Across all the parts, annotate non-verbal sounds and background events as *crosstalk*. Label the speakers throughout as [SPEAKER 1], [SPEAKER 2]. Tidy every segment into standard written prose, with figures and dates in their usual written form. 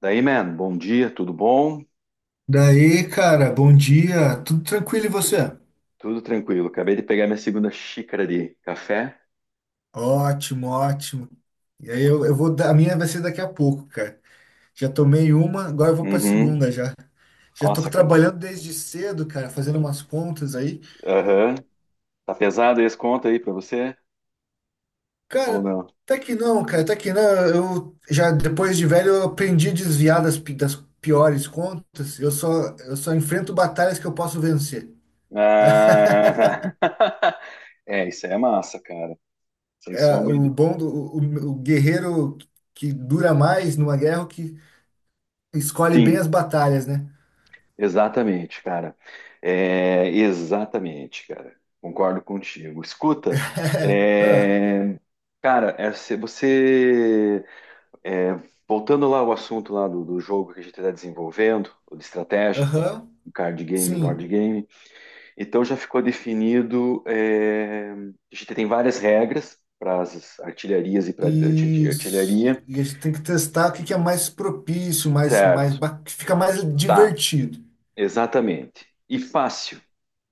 [SPEAKER 1] Daí, man, bom dia, tudo bom?
[SPEAKER 2] Daí, cara, bom dia. Tudo tranquilo e você?
[SPEAKER 1] Tudo tranquilo. Acabei de pegar minha segunda xícara de café.
[SPEAKER 2] Ótimo, ótimo. E aí eu vou dar, a minha vai ser daqui a pouco, cara. Já tomei uma, agora eu vou pra
[SPEAKER 1] Uhum.
[SPEAKER 2] segunda já. Já tô
[SPEAKER 1] Nossa, cara.
[SPEAKER 2] trabalhando desde cedo, cara, fazendo umas contas aí.
[SPEAKER 1] Aham. Tá pesado esse conto aí pra você? Ou
[SPEAKER 2] Cara,
[SPEAKER 1] não?
[SPEAKER 2] tá que não, cara, tá que não. Eu já depois de velho eu aprendi a desviar das piores contas. Eu só enfrento batalhas que eu posso vencer. *laughs*
[SPEAKER 1] Ah. *laughs* É, isso aí é massa, cara. Sem sombra de...
[SPEAKER 2] o bom do o, O guerreiro que dura mais numa guerra é o que escolhe bem
[SPEAKER 1] Sim,
[SPEAKER 2] as batalhas, né?
[SPEAKER 1] exatamente, cara. É, exatamente, cara. Concordo contigo. Escuta,
[SPEAKER 2] *laughs* Ah,
[SPEAKER 1] é... cara, é, se você É, voltando lá ao assunto lá do jogo que a gente está desenvolvendo, ou de estratégia,
[SPEAKER 2] aham,
[SPEAKER 1] o card game, o board
[SPEAKER 2] sim.
[SPEAKER 1] game. Então já ficou definido, a gente tem várias regras para as artilharias e para
[SPEAKER 2] Isso.
[SPEAKER 1] artilharia.
[SPEAKER 2] E a gente tem que testar o que que é mais propício,
[SPEAKER 1] Certo,
[SPEAKER 2] que fica mais
[SPEAKER 1] tá,
[SPEAKER 2] divertido.
[SPEAKER 1] exatamente. E fácil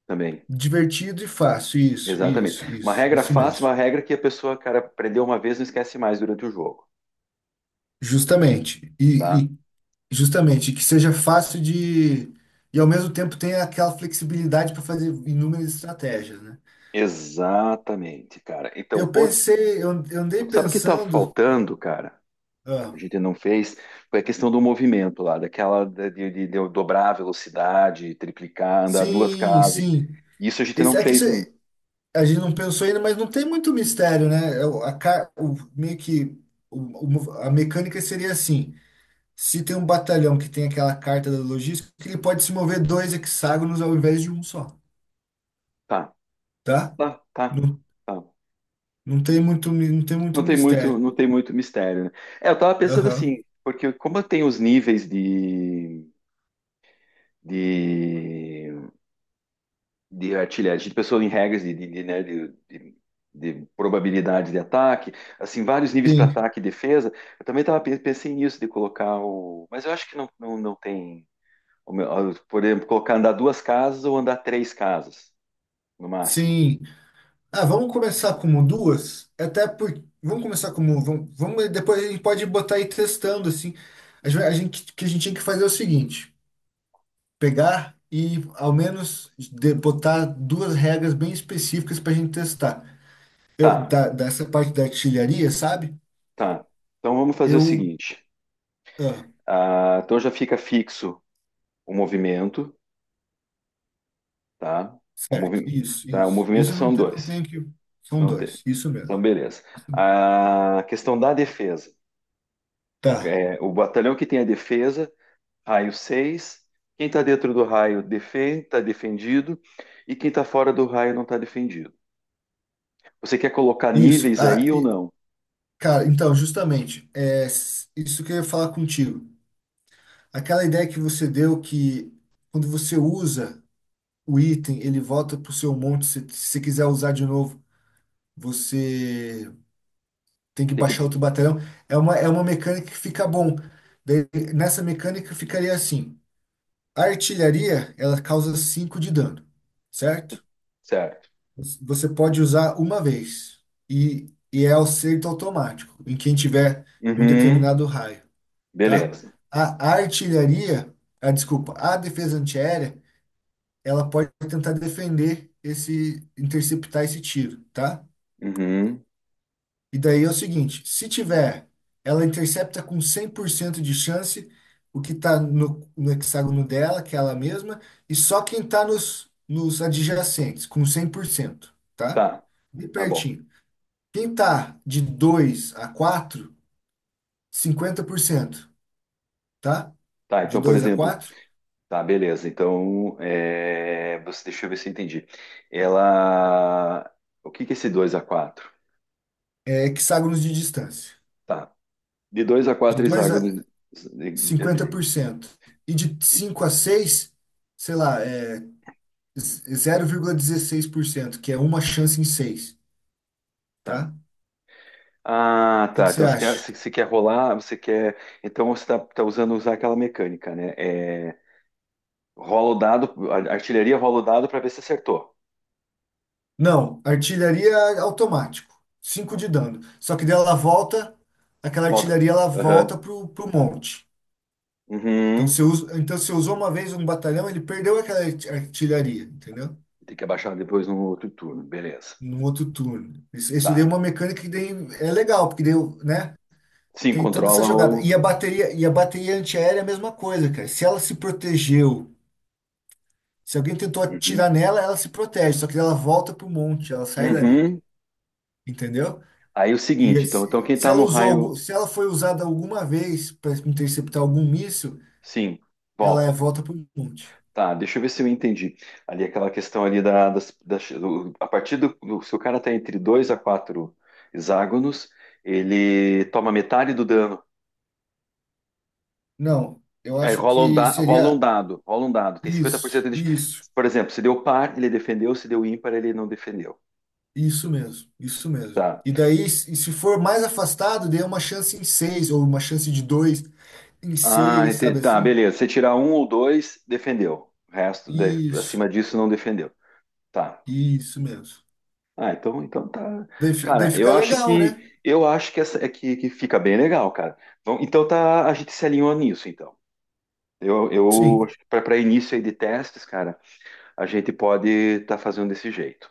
[SPEAKER 1] também,
[SPEAKER 2] Divertido e fácil. Isso,
[SPEAKER 1] exatamente.
[SPEAKER 2] isso,
[SPEAKER 1] Uma
[SPEAKER 2] isso,
[SPEAKER 1] regra
[SPEAKER 2] isso
[SPEAKER 1] fácil,
[SPEAKER 2] mesmo.
[SPEAKER 1] uma regra que a pessoa, cara, aprendeu uma vez e não esquece mais durante o jogo,
[SPEAKER 2] Justamente. E,
[SPEAKER 1] tá?
[SPEAKER 2] e justamente que seja fácil de. E ao mesmo tempo tenha aquela flexibilidade para fazer inúmeras estratégias, né?
[SPEAKER 1] Exatamente, cara. Então,
[SPEAKER 2] Eu
[SPEAKER 1] o-
[SPEAKER 2] pensei, eu andei
[SPEAKER 1] sabe o que está
[SPEAKER 2] pensando.
[SPEAKER 1] faltando, cara? A
[SPEAKER 2] ah,
[SPEAKER 1] gente não fez. Foi a questão do movimento lá, daquela da- de eu dobrar a velocidade, triplicar, andar duas
[SPEAKER 2] sim,
[SPEAKER 1] casas.
[SPEAKER 2] sim.
[SPEAKER 1] Isso a gente não
[SPEAKER 2] Isso, é que isso.
[SPEAKER 1] fez ainda.
[SPEAKER 2] A gente não pensou ainda, mas não tem muito mistério, né? É o- A, ca- o, meio que o- o A mecânica seria assim: se tem um batalhão que tem aquela carta da logística, ele pode se mover 2 hexágonos ao invés de um só,
[SPEAKER 1] Tá,
[SPEAKER 2] tá?
[SPEAKER 1] tá, tá,
[SPEAKER 2] Não,
[SPEAKER 1] tá.
[SPEAKER 2] não tem muito
[SPEAKER 1] Não tem muito,
[SPEAKER 2] mistério.
[SPEAKER 1] não tem muito mistério, né? É, eu tava pensando
[SPEAKER 2] Aham.
[SPEAKER 1] assim, porque como tem os níveis de, de, de artilharia, a gente pensou em regras né, de probabilidade de ataque, assim, vários níveis para
[SPEAKER 2] Sim,
[SPEAKER 1] ataque e defesa. Eu também tava, pensei nisso, de colocar o. Mas eu acho que não, não tem. Por exemplo, colocar andar duas casas ou andar três casas, no máximo.
[SPEAKER 2] sim. Ah, vamos começar como duas? Até por. Vamos começar como. Vamos, depois a gente pode botar aí testando, assim. A gente, vai- a gente- O que a gente tinha que fazer é o seguinte. Pegar e ao menos botar duas regras bem específicas para a gente testar.
[SPEAKER 1] Tá,
[SPEAKER 2] Dessa parte da artilharia, sabe?
[SPEAKER 1] tá. Então vamos fazer o
[SPEAKER 2] Eu.
[SPEAKER 1] seguinte.
[SPEAKER 2] ah,
[SPEAKER 1] Ah, então já fica fixo o movimento, tá? O
[SPEAKER 2] Certo,
[SPEAKER 1] movimento,
[SPEAKER 2] isso,
[SPEAKER 1] tá? O
[SPEAKER 2] isso.
[SPEAKER 1] movimento
[SPEAKER 2] Isso eu
[SPEAKER 1] são
[SPEAKER 2] não
[SPEAKER 1] dois,
[SPEAKER 2] tenho que. São
[SPEAKER 1] não tem.
[SPEAKER 2] dois, isso
[SPEAKER 1] Então,
[SPEAKER 2] mesmo.
[SPEAKER 1] beleza.
[SPEAKER 2] Isso mesmo.
[SPEAKER 1] A questão da defesa. O,
[SPEAKER 2] Tá,
[SPEAKER 1] o batalhão que tem a defesa, raio 6. Quem está dentro do raio defende, está defendido, e quem está fora do raio não está defendido. Você quer colocar
[SPEAKER 2] isso.
[SPEAKER 1] níveis
[SPEAKER 2] Ah,
[SPEAKER 1] aí ou
[SPEAKER 2] e,
[SPEAKER 1] não?
[SPEAKER 2] cara, então, justamente, isso que eu ia falar contigo. Aquela ideia que você deu que quando você usa o item, ele volta pro seu monte. Se você quiser usar de novo, você tem que
[SPEAKER 1] Tem
[SPEAKER 2] baixar
[SPEAKER 1] que,
[SPEAKER 2] outro batalhão. É uma mecânica que fica bom. Daí, nessa mecânica ficaria assim: a artilharia ela causa 5 de dano, certo?
[SPEAKER 1] certo.
[SPEAKER 2] Você pode usar uma vez e é acerto automático em quem tiver em um
[SPEAKER 1] Uhum,
[SPEAKER 2] determinado raio, tá?
[SPEAKER 1] beleza.
[SPEAKER 2] A artilharia, a, desculpa, a defesa antiaérea, ela pode tentar defender esse, interceptar esse tiro, tá?
[SPEAKER 1] Uhum,
[SPEAKER 2] E daí é o seguinte, se tiver, ela intercepta com 100% de chance o que está no hexágono dela, que é ela mesma, e só quem está nos adjacentes, com 100%, tá?
[SPEAKER 1] tá,
[SPEAKER 2] Bem
[SPEAKER 1] tá bom.
[SPEAKER 2] pertinho. Quem está de 2 a 4, 50%, tá?
[SPEAKER 1] Tá,
[SPEAKER 2] De
[SPEAKER 1] então, por
[SPEAKER 2] 2 a
[SPEAKER 1] exemplo,
[SPEAKER 2] 4
[SPEAKER 1] tá, beleza. Então, você, deixa eu ver se eu entendi. Ela, o que que é esse 2 a 4?
[SPEAKER 2] é hexágonos de distância.
[SPEAKER 1] Tá, de dois a
[SPEAKER 2] De
[SPEAKER 1] 4,
[SPEAKER 2] 2 a
[SPEAKER 1] hexágonos. de-
[SPEAKER 2] cinquenta
[SPEAKER 1] de-
[SPEAKER 2] por cento E de
[SPEAKER 1] de-
[SPEAKER 2] 5 a 6, sei lá, é 0,16%, que é 1 chance em 6,
[SPEAKER 1] Tá.
[SPEAKER 2] tá?
[SPEAKER 1] Ah,
[SPEAKER 2] O que
[SPEAKER 1] tá.
[SPEAKER 2] que você
[SPEAKER 1] Então, você quer,
[SPEAKER 2] acha?
[SPEAKER 1] você quer rolar, você quer. Então, você tá, tá usando usar aquela mecânica, né? Rola o dado, a artilharia rola o dado para ver se acertou.
[SPEAKER 2] Não, artilharia automático, 5 de dano. Só que daí ela volta, aquela
[SPEAKER 1] Volta.
[SPEAKER 2] artilharia ela
[SPEAKER 1] Aham.
[SPEAKER 2] volta pro monte. Então
[SPEAKER 1] Uhum.
[SPEAKER 2] você usa, então você usou uma vez um batalhão, ele perdeu aquela artilharia, entendeu?
[SPEAKER 1] Tem que abaixar depois no outro turno. Beleza.
[SPEAKER 2] No outro turno. Isso daí é
[SPEAKER 1] Tá.
[SPEAKER 2] uma mecânica que daí é legal, porque daí, né?
[SPEAKER 1] Sim,
[SPEAKER 2] Tem toda essa
[SPEAKER 1] controla
[SPEAKER 2] jogada.
[SPEAKER 1] o.
[SPEAKER 2] E a bateria antiaérea é a mesma coisa, cara. Se ela se protegeu. Se alguém tentou
[SPEAKER 1] Uhum.
[SPEAKER 2] atirar nela, ela se protege, só que ela volta pro monte, ela sai dali,
[SPEAKER 1] Uhum.
[SPEAKER 2] entendeu?
[SPEAKER 1] Aí o
[SPEAKER 2] E
[SPEAKER 1] seguinte, então, então
[SPEAKER 2] se
[SPEAKER 1] quem
[SPEAKER 2] se
[SPEAKER 1] tá
[SPEAKER 2] ela
[SPEAKER 1] no
[SPEAKER 2] usou,
[SPEAKER 1] raio.
[SPEAKER 2] se ela foi usada alguma vez para interceptar algum míssil,
[SPEAKER 1] Sim,
[SPEAKER 2] ela é-
[SPEAKER 1] volta.
[SPEAKER 2] volta pro monte.
[SPEAKER 1] Tá, deixa eu ver se eu entendi. Ali aquela questão ali da, das, das- do- A partir do, se o cara tá entre dois a quatro hexágonos, ele toma metade do dano.
[SPEAKER 2] Não, eu
[SPEAKER 1] Aí
[SPEAKER 2] acho
[SPEAKER 1] rola um,
[SPEAKER 2] que
[SPEAKER 1] rola um
[SPEAKER 2] seria
[SPEAKER 1] dado, rola um dado. Tem cinquenta por
[SPEAKER 2] isso,
[SPEAKER 1] cento de.
[SPEAKER 2] isso,
[SPEAKER 1] Por exemplo, se deu par, ele defendeu, se deu ímpar, ele não defendeu.
[SPEAKER 2] isso mesmo, isso mesmo.
[SPEAKER 1] Tá.
[SPEAKER 2] E daí, se for mais afastado, dê uma chance em seis, ou uma chance de dois em
[SPEAKER 1] Ah,
[SPEAKER 2] seis, sabe
[SPEAKER 1] tá,
[SPEAKER 2] assim?
[SPEAKER 1] beleza. Você tirar um ou dois, defendeu. O resto,
[SPEAKER 2] Isso,
[SPEAKER 1] acima disso, não defendeu. Tá.
[SPEAKER 2] isso mesmo.
[SPEAKER 1] Ah, então, então tá.
[SPEAKER 2] Daí, daí
[SPEAKER 1] Cara, eu
[SPEAKER 2] fica
[SPEAKER 1] acho
[SPEAKER 2] legal, né?
[SPEAKER 1] que essa é que fica bem legal, cara. Bom, então tá, a gente se alinhou nisso, então. Eu
[SPEAKER 2] Sim.
[SPEAKER 1] acho que para início aí de testes, cara, a gente pode estar fazendo desse jeito.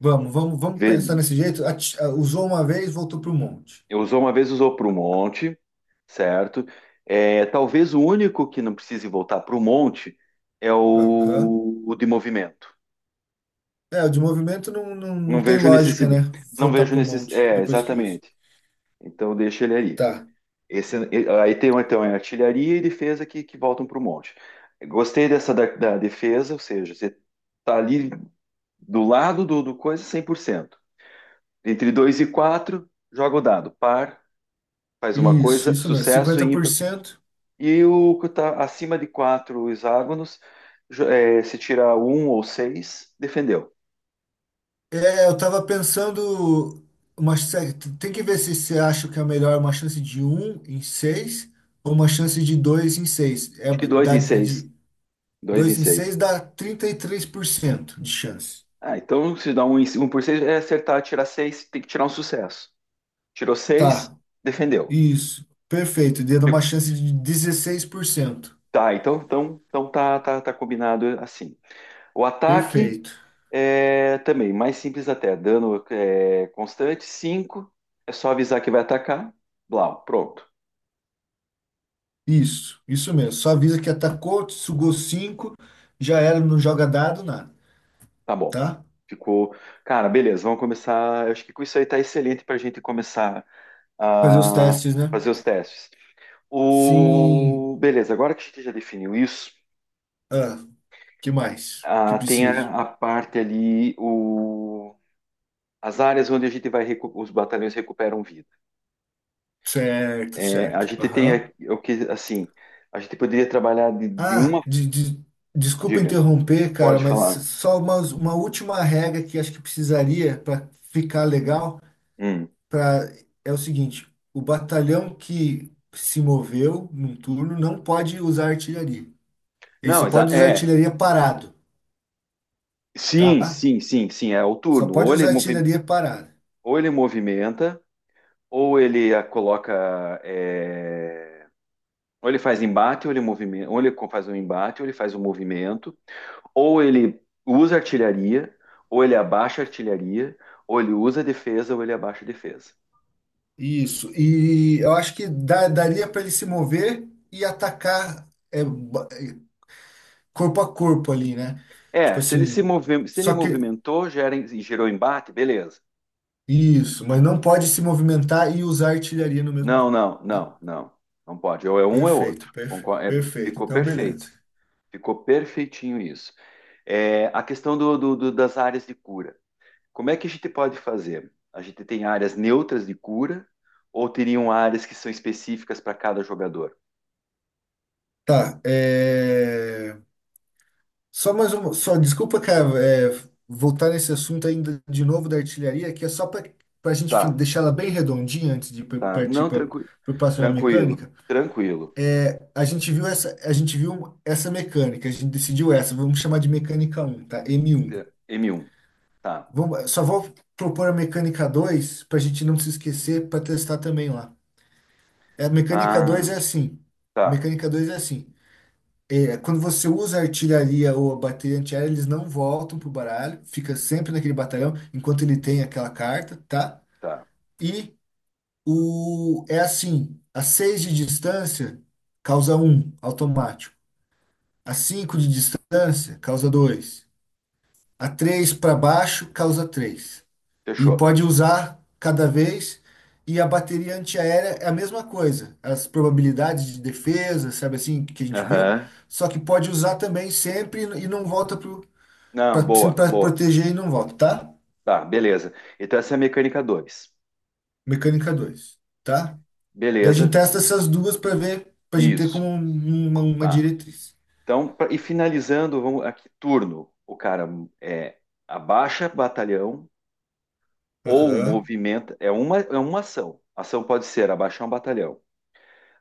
[SPEAKER 2] Vamos, vamos, vamos
[SPEAKER 1] Vê,
[SPEAKER 2] pensar nesse jeito. Usou uma vez, voltou para o monte.
[SPEAKER 1] eu usou uma vez, usou para o monte, certo? É, talvez o único que não precise voltar para o monte é
[SPEAKER 2] Aham.
[SPEAKER 1] o de movimento.
[SPEAKER 2] O de movimento não, não,
[SPEAKER 1] Não
[SPEAKER 2] não tem
[SPEAKER 1] vejo
[SPEAKER 2] lógica,
[SPEAKER 1] necessidade.
[SPEAKER 2] né?
[SPEAKER 1] Não
[SPEAKER 2] Voltar
[SPEAKER 1] vejo
[SPEAKER 2] para o
[SPEAKER 1] necessidade.
[SPEAKER 2] monte
[SPEAKER 1] É,
[SPEAKER 2] depois que usa.
[SPEAKER 1] exatamente. Então deixa ele aí.
[SPEAKER 2] Tá.
[SPEAKER 1] Esse, aí tem um, então, é artilharia e defesa que voltam para o monte. Gostei dessa da, da defesa, ou seja, você tá ali do lado do, do coisa cem por cento. Entre 2 e 4 joga o dado. Par, faz uma
[SPEAKER 2] Isso,
[SPEAKER 1] coisa,
[SPEAKER 2] isso mesmo.
[SPEAKER 1] sucesso
[SPEAKER 2] cinquenta
[SPEAKER 1] e
[SPEAKER 2] por
[SPEAKER 1] ímpar.
[SPEAKER 2] cento
[SPEAKER 1] E o que está acima de 4 hexágonos, se tirar um ou seis defendeu.
[SPEAKER 2] Eu tava pensando. Uma, sé- Tem que ver se você acha que é melhor uma chance de 1 em 6 ou uma chance de 2 em seis.
[SPEAKER 1] Acho que dois em seis, dois em
[SPEAKER 2] Dois em
[SPEAKER 1] seis.
[SPEAKER 2] seis dá 33% de chance.
[SPEAKER 1] Ah, então se dá um, um por seis, é acertar, tirar seis, tem que tirar um sucesso. Tirou seis,
[SPEAKER 2] Tá.
[SPEAKER 1] defendeu.
[SPEAKER 2] Isso, perfeito. Dando uma
[SPEAKER 1] Fico-
[SPEAKER 2] chance de 16%.
[SPEAKER 1] Tá, então, então, então tá, tá, tá combinado assim. O ataque
[SPEAKER 2] Perfeito.
[SPEAKER 1] é também mais simples até. Dano é, constante, cinco. É só avisar que vai atacar. Blau, pronto.
[SPEAKER 2] Isso mesmo. Só avisa que atacou, sugou 5, já era, não joga dado, nada,
[SPEAKER 1] Tá bom.
[SPEAKER 2] tá?
[SPEAKER 1] Ficou. Cara, beleza, vamos começar. Eu acho que com isso aí tá excelente pra gente começar
[SPEAKER 2] Fazer os
[SPEAKER 1] a
[SPEAKER 2] testes, né?
[SPEAKER 1] fazer os testes.
[SPEAKER 2] Sim.
[SPEAKER 1] O... Beleza, agora que a gente já definiu isso.
[SPEAKER 2] Ah, que mais? Que
[SPEAKER 1] Ah, tem
[SPEAKER 2] preciso?
[SPEAKER 1] a parte ali, o, as áreas onde a gente vai, os batalhões recuperam vida.
[SPEAKER 2] Certo,
[SPEAKER 1] É, a
[SPEAKER 2] certo.
[SPEAKER 1] gente tem
[SPEAKER 2] Aham.
[SPEAKER 1] aqui- o que, assim, a gente poderia trabalhar de uma,
[SPEAKER 2] Ah, desculpa
[SPEAKER 1] diga,
[SPEAKER 2] interromper, cara,
[SPEAKER 1] pode
[SPEAKER 2] mas
[SPEAKER 1] falar.
[SPEAKER 2] só uma última regra que acho que precisaria para ficar legal.
[SPEAKER 1] Hum.
[SPEAKER 2] pra, É o seguinte, o batalhão que se moveu num turno não pode usar artilharia. Ele só
[SPEAKER 1] Não,
[SPEAKER 2] pode usar
[SPEAKER 1] é,
[SPEAKER 2] artilharia parado,
[SPEAKER 1] sim,
[SPEAKER 2] tá?
[SPEAKER 1] sim, sim, sim, é o
[SPEAKER 2] Só
[SPEAKER 1] turno.
[SPEAKER 2] pode
[SPEAKER 1] Ou ele,
[SPEAKER 2] usar
[SPEAKER 1] movi-
[SPEAKER 2] artilharia parada.
[SPEAKER 1] ou ele movimenta, ou ele a coloca, é, ou ele faz embate, ou ele movimenta, ou ele faz um embate, ou ele faz um movimento, ou ele usa artilharia, ou ele abaixa artilharia, ou ele usa defesa, ou ele abaixa defesa.
[SPEAKER 2] Isso. E eu acho que daria para ele se mover e atacar, corpo a corpo ali, né? Tipo
[SPEAKER 1] É, se ele se
[SPEAKER 2] assim,
[SPEAKER 1] movi- se ele
[SPEAKER 2] só que
[SPEAKER 1] movimentou, gera, gerou embate, beleza.
[SPEAKER 2] isso, mas não pode se movimentar e usar artilharia no mesmo
[SPEAKER 1] Não,
[SPEAKER 2] turno,
[SPEAKER 1] não,
[SPEAKER 2] tá?
[SPEAKER 1] não, não. Não pode. Ou é um ou é outro.
[SPEAKER 2] Perfeito, perfeito,
[SPEAKER 1] É,
[SPEAKER 2] perfeito.
[SPEAKER 1] ficou
[SPEAKER 2] Então,
[SPEAKER 1] perfeito.
[SPEAKER 2] beleza.
[SPEAKER 1] Ficou perfeitinho isso. É, a questão das áreas de cura. Como é que a gente pode fazer? A gente tem áreas neutras de cura ou teriam áreas que são específicas para cada jogador?
[SPEAKER 2] Tá, Só mais uma, só desculpa, cara, voltar nesse assunto ainda de novo da artilharia, que é só para a gente
[SPEAKER 1] Tá,
[SPEAKER 2] deixar ela bem redondinha antes de par-
[SPEAKER 1] tá.
[SPEAKER 2] partir
[SPEAKER 1] Não,
[SPEAKER 2] para
[SPEAKER 1] tranquilo.
[SPEAKER 2] a próxima
[SPEAKER 1] Tranquilo.
[SPEAKER 2] mecânica.
[SPEAKER 1] Tranquilo.
[SPEAKER 2] A gente viu essa, a gente viu essa mecânica, a gente decidiu essa, vamos chamar de mecânica 1, tá? m um.
[SPEAKER 1] M1. Tá.
[SPEAKER 2] Só vou propor a mecânica 2 para a gente não se esquecer para testar também lá. A mecânica 2
[SPEAKER 1] Ah,
[SPEAKER 2] é assim.
[SPEAKER 1] tá.
[SPEAKER 2] Mecânica 2 é assim. Quando você usa a artilharia ou a bateria antiaérea, eles não voltam pro baralho, fica sempre naquele batalhão enquanto ele tem aquela carta, tá?
[SPEAKER 1] Tá.
[SPEAKER 2] E o é assim, a 6 de distância causa um automático. A 5 de distância causa 2. A 3 para baixo causa 3 e
[SPEAKER 1] Fechou.
[SPEAKER 2] pode usar cada vez. E a bateria antiaérea é a mesma coisa. As
[SPEAKER 1] Hum.
[SPEAKER 2] probabilidades de defesa, sabe assim, que a gente viu.
[SPEAKER 1] Aham.
[SPEAKER 2] Só que pode usar também sempre e não volta
[SPEAKER 1] Não,
[SPEAKER 2] sempre
[SPEAKER 1] boa,
[SPEAKER 2] para
[SPEAKER 1] boa.
[SPEAKER 2] proteger e não volta, tá?
[SPEAKER 1] Tá, beleza. Então essa é a mecânica dois.
[SPEAKER 2] Mecânica 2, tá? Daí a gente
[SPEAKER 1] Beleza.
[SPEAKER 2] testa essas duas para ver, para a gente ter como
[SPEAKER 1] Isso.
[SPEAKER 2] uma
[SPEAKER 1] Tá.
[SPEAKER 2] diretriz.
[SPEAKER 1] Então, e finalizando, vamos aqui, turno. O cara é abaixa batalhão ou
[SPEAKER 2] Aham.
[SPEAKER 1] movimenta. É uma ação. A ação pode ser abaixar um batalhão,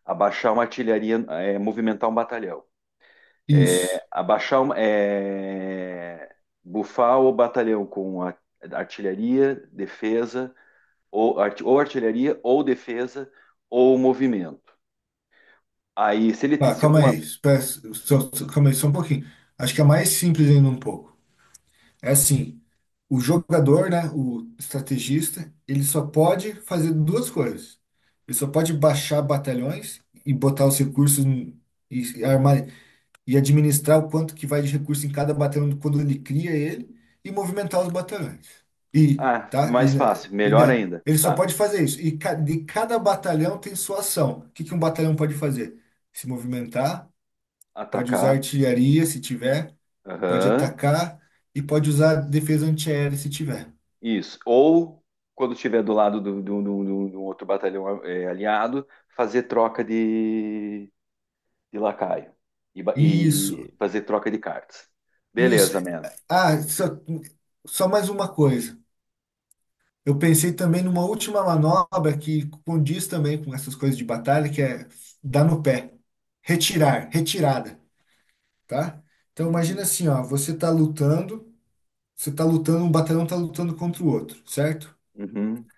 [SPEAKER 1] abaixar uma artilharia, é, movimentar um batalhão. É,
[SPEAKER 2] Isso.
[SPEAKER 1] abaixar, é, bufar o batalhão artilharia, defesa, ou, ou artilharia, ou defesa, ou movimento. Aí, se ele
[SPEAKER 2] Tá,
[SPEAKER 1] se
[SPEAKER 2] calma
[SPEAKER 1] uma.
[SPEAKER 2] aí. Espera, calma aí, só um pouquinho. Acho que é mais simples ainda um pouco. É assim. O jogador, né, o estrategista, ele só pode fazer duas coisas. Ele só pode baixar batalhões e botar os recursos e armar e administrar o quanto que vai de recurso em cada batalhão quando ele cria ele e movimentar os batalhões. E,
[SPEAKER 1] Ah,
[SPEAKER 2] tá?
[SPEAKER 1] mais fácil, melhor ainda.
[SPEAKER 2] Ele só
[SPEAKER 1] Tá.
[SPEAKER 2] pode fazer isso. E de cada batalhão tem sua ação. O que que um batalhão pode fazer? Se movimentar, pode usar
[SPEAKER 1] Atacar.
[SPEAKER 2] artilharia se tiver, pode
[SPEAKER 1] Aham.
[SPEAKER 2] atacar e pode usar defesa antiaérea se tiver.
[SPEAKER 1] Isso. Ou, quando estiver do lado de um outro batalhão é, aliado, fazer troca de lacaio. E,
[SPEAKER 2] Isso,
[SPEAKER 1] e fazer troca de cartas.
[SPEAKER 2] isso.
[SPEAKER 1] Beleza, man.
[SPEAKER 2] Ah, só mais uma coisa. Eu pensei também numa última manobra que condiz também com essas coisas de batalha, que é dar no pé. Retirar, retirada, tá? Então imagina
[SPEAKER 1] Uhum.
[SPEAKER 2] assim, ó, você tá lutando, um batalhão tá lutando contra o outro, certo?
[SPEAKER 1] Uhum,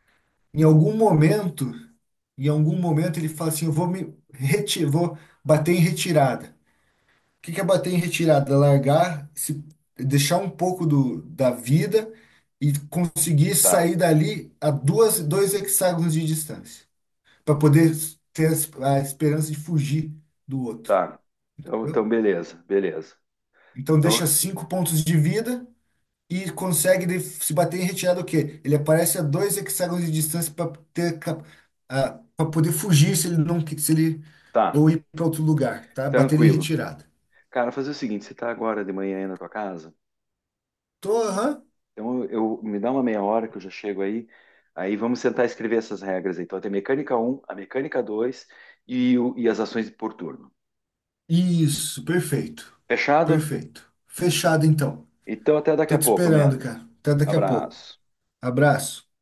[SPEAKER 2] Em algum momento, em algum momento ele fala assim, eu vou me retirar, vou bater em retirada. O que que é bater em retirada? Largar, se deixar um pouco da vida e conseguir
[SPEAKER 1] tá,
[SPEAKER 2] sair dali a dois hexágonos de distância, para poder ter a esperança de fugir do outro,
[SPEAKER 1] tá. Então, então,
[SPEAKER 2] entendeu?
[SPEAKER 1] beleza, beleza.
[SPEAKER 2] Então
[SPEAKER 1] Então,
[SPEAKER 2] deixa 5 pontos de vida e consegue se bater em retirada o quê? Ele aparece a 2 hexágonos de distância para ter para poder fugir se ele
[SPEAKER 1] tá,
[SPEAKER 2] ou ir para outro lugar, tá? Bater em
[SPEAKER 1] tranquilo.
[SPEAKER 2] retirada.
[SPEAKER 1] Cara, fazer o seguinte, você tá agora de manhã aí na tua casa?
[SPEAKER 2] Tô, aham.
[SPEAKER 1] Então, eu, me dá uma meia hora que eu já chego aí. Aí vamos tentar escrever essas regras aí. Então, tem mecânica um a mecânica 2 e, e as ações por turno.
[SPEAKER 2] Isso, perfeito.
[SPEAKER 1] Fechado?
[SPEAKER 2] Perfeito. Fechado então.
[SPEAKER 1] Então, até daqui
[SPEAKER 2] Tô
[SPEAKER 1] a
[SPEAKER 2] te
[SPEAKER 1] pouco,
[SPEAKER 2] esperando,
[SPEAKER 1] mano.
[SPEAKER 2] cara. Até daqui a pouco.
[SPEAKER 1] Abraço.
[SPEAKER 2] Abraço.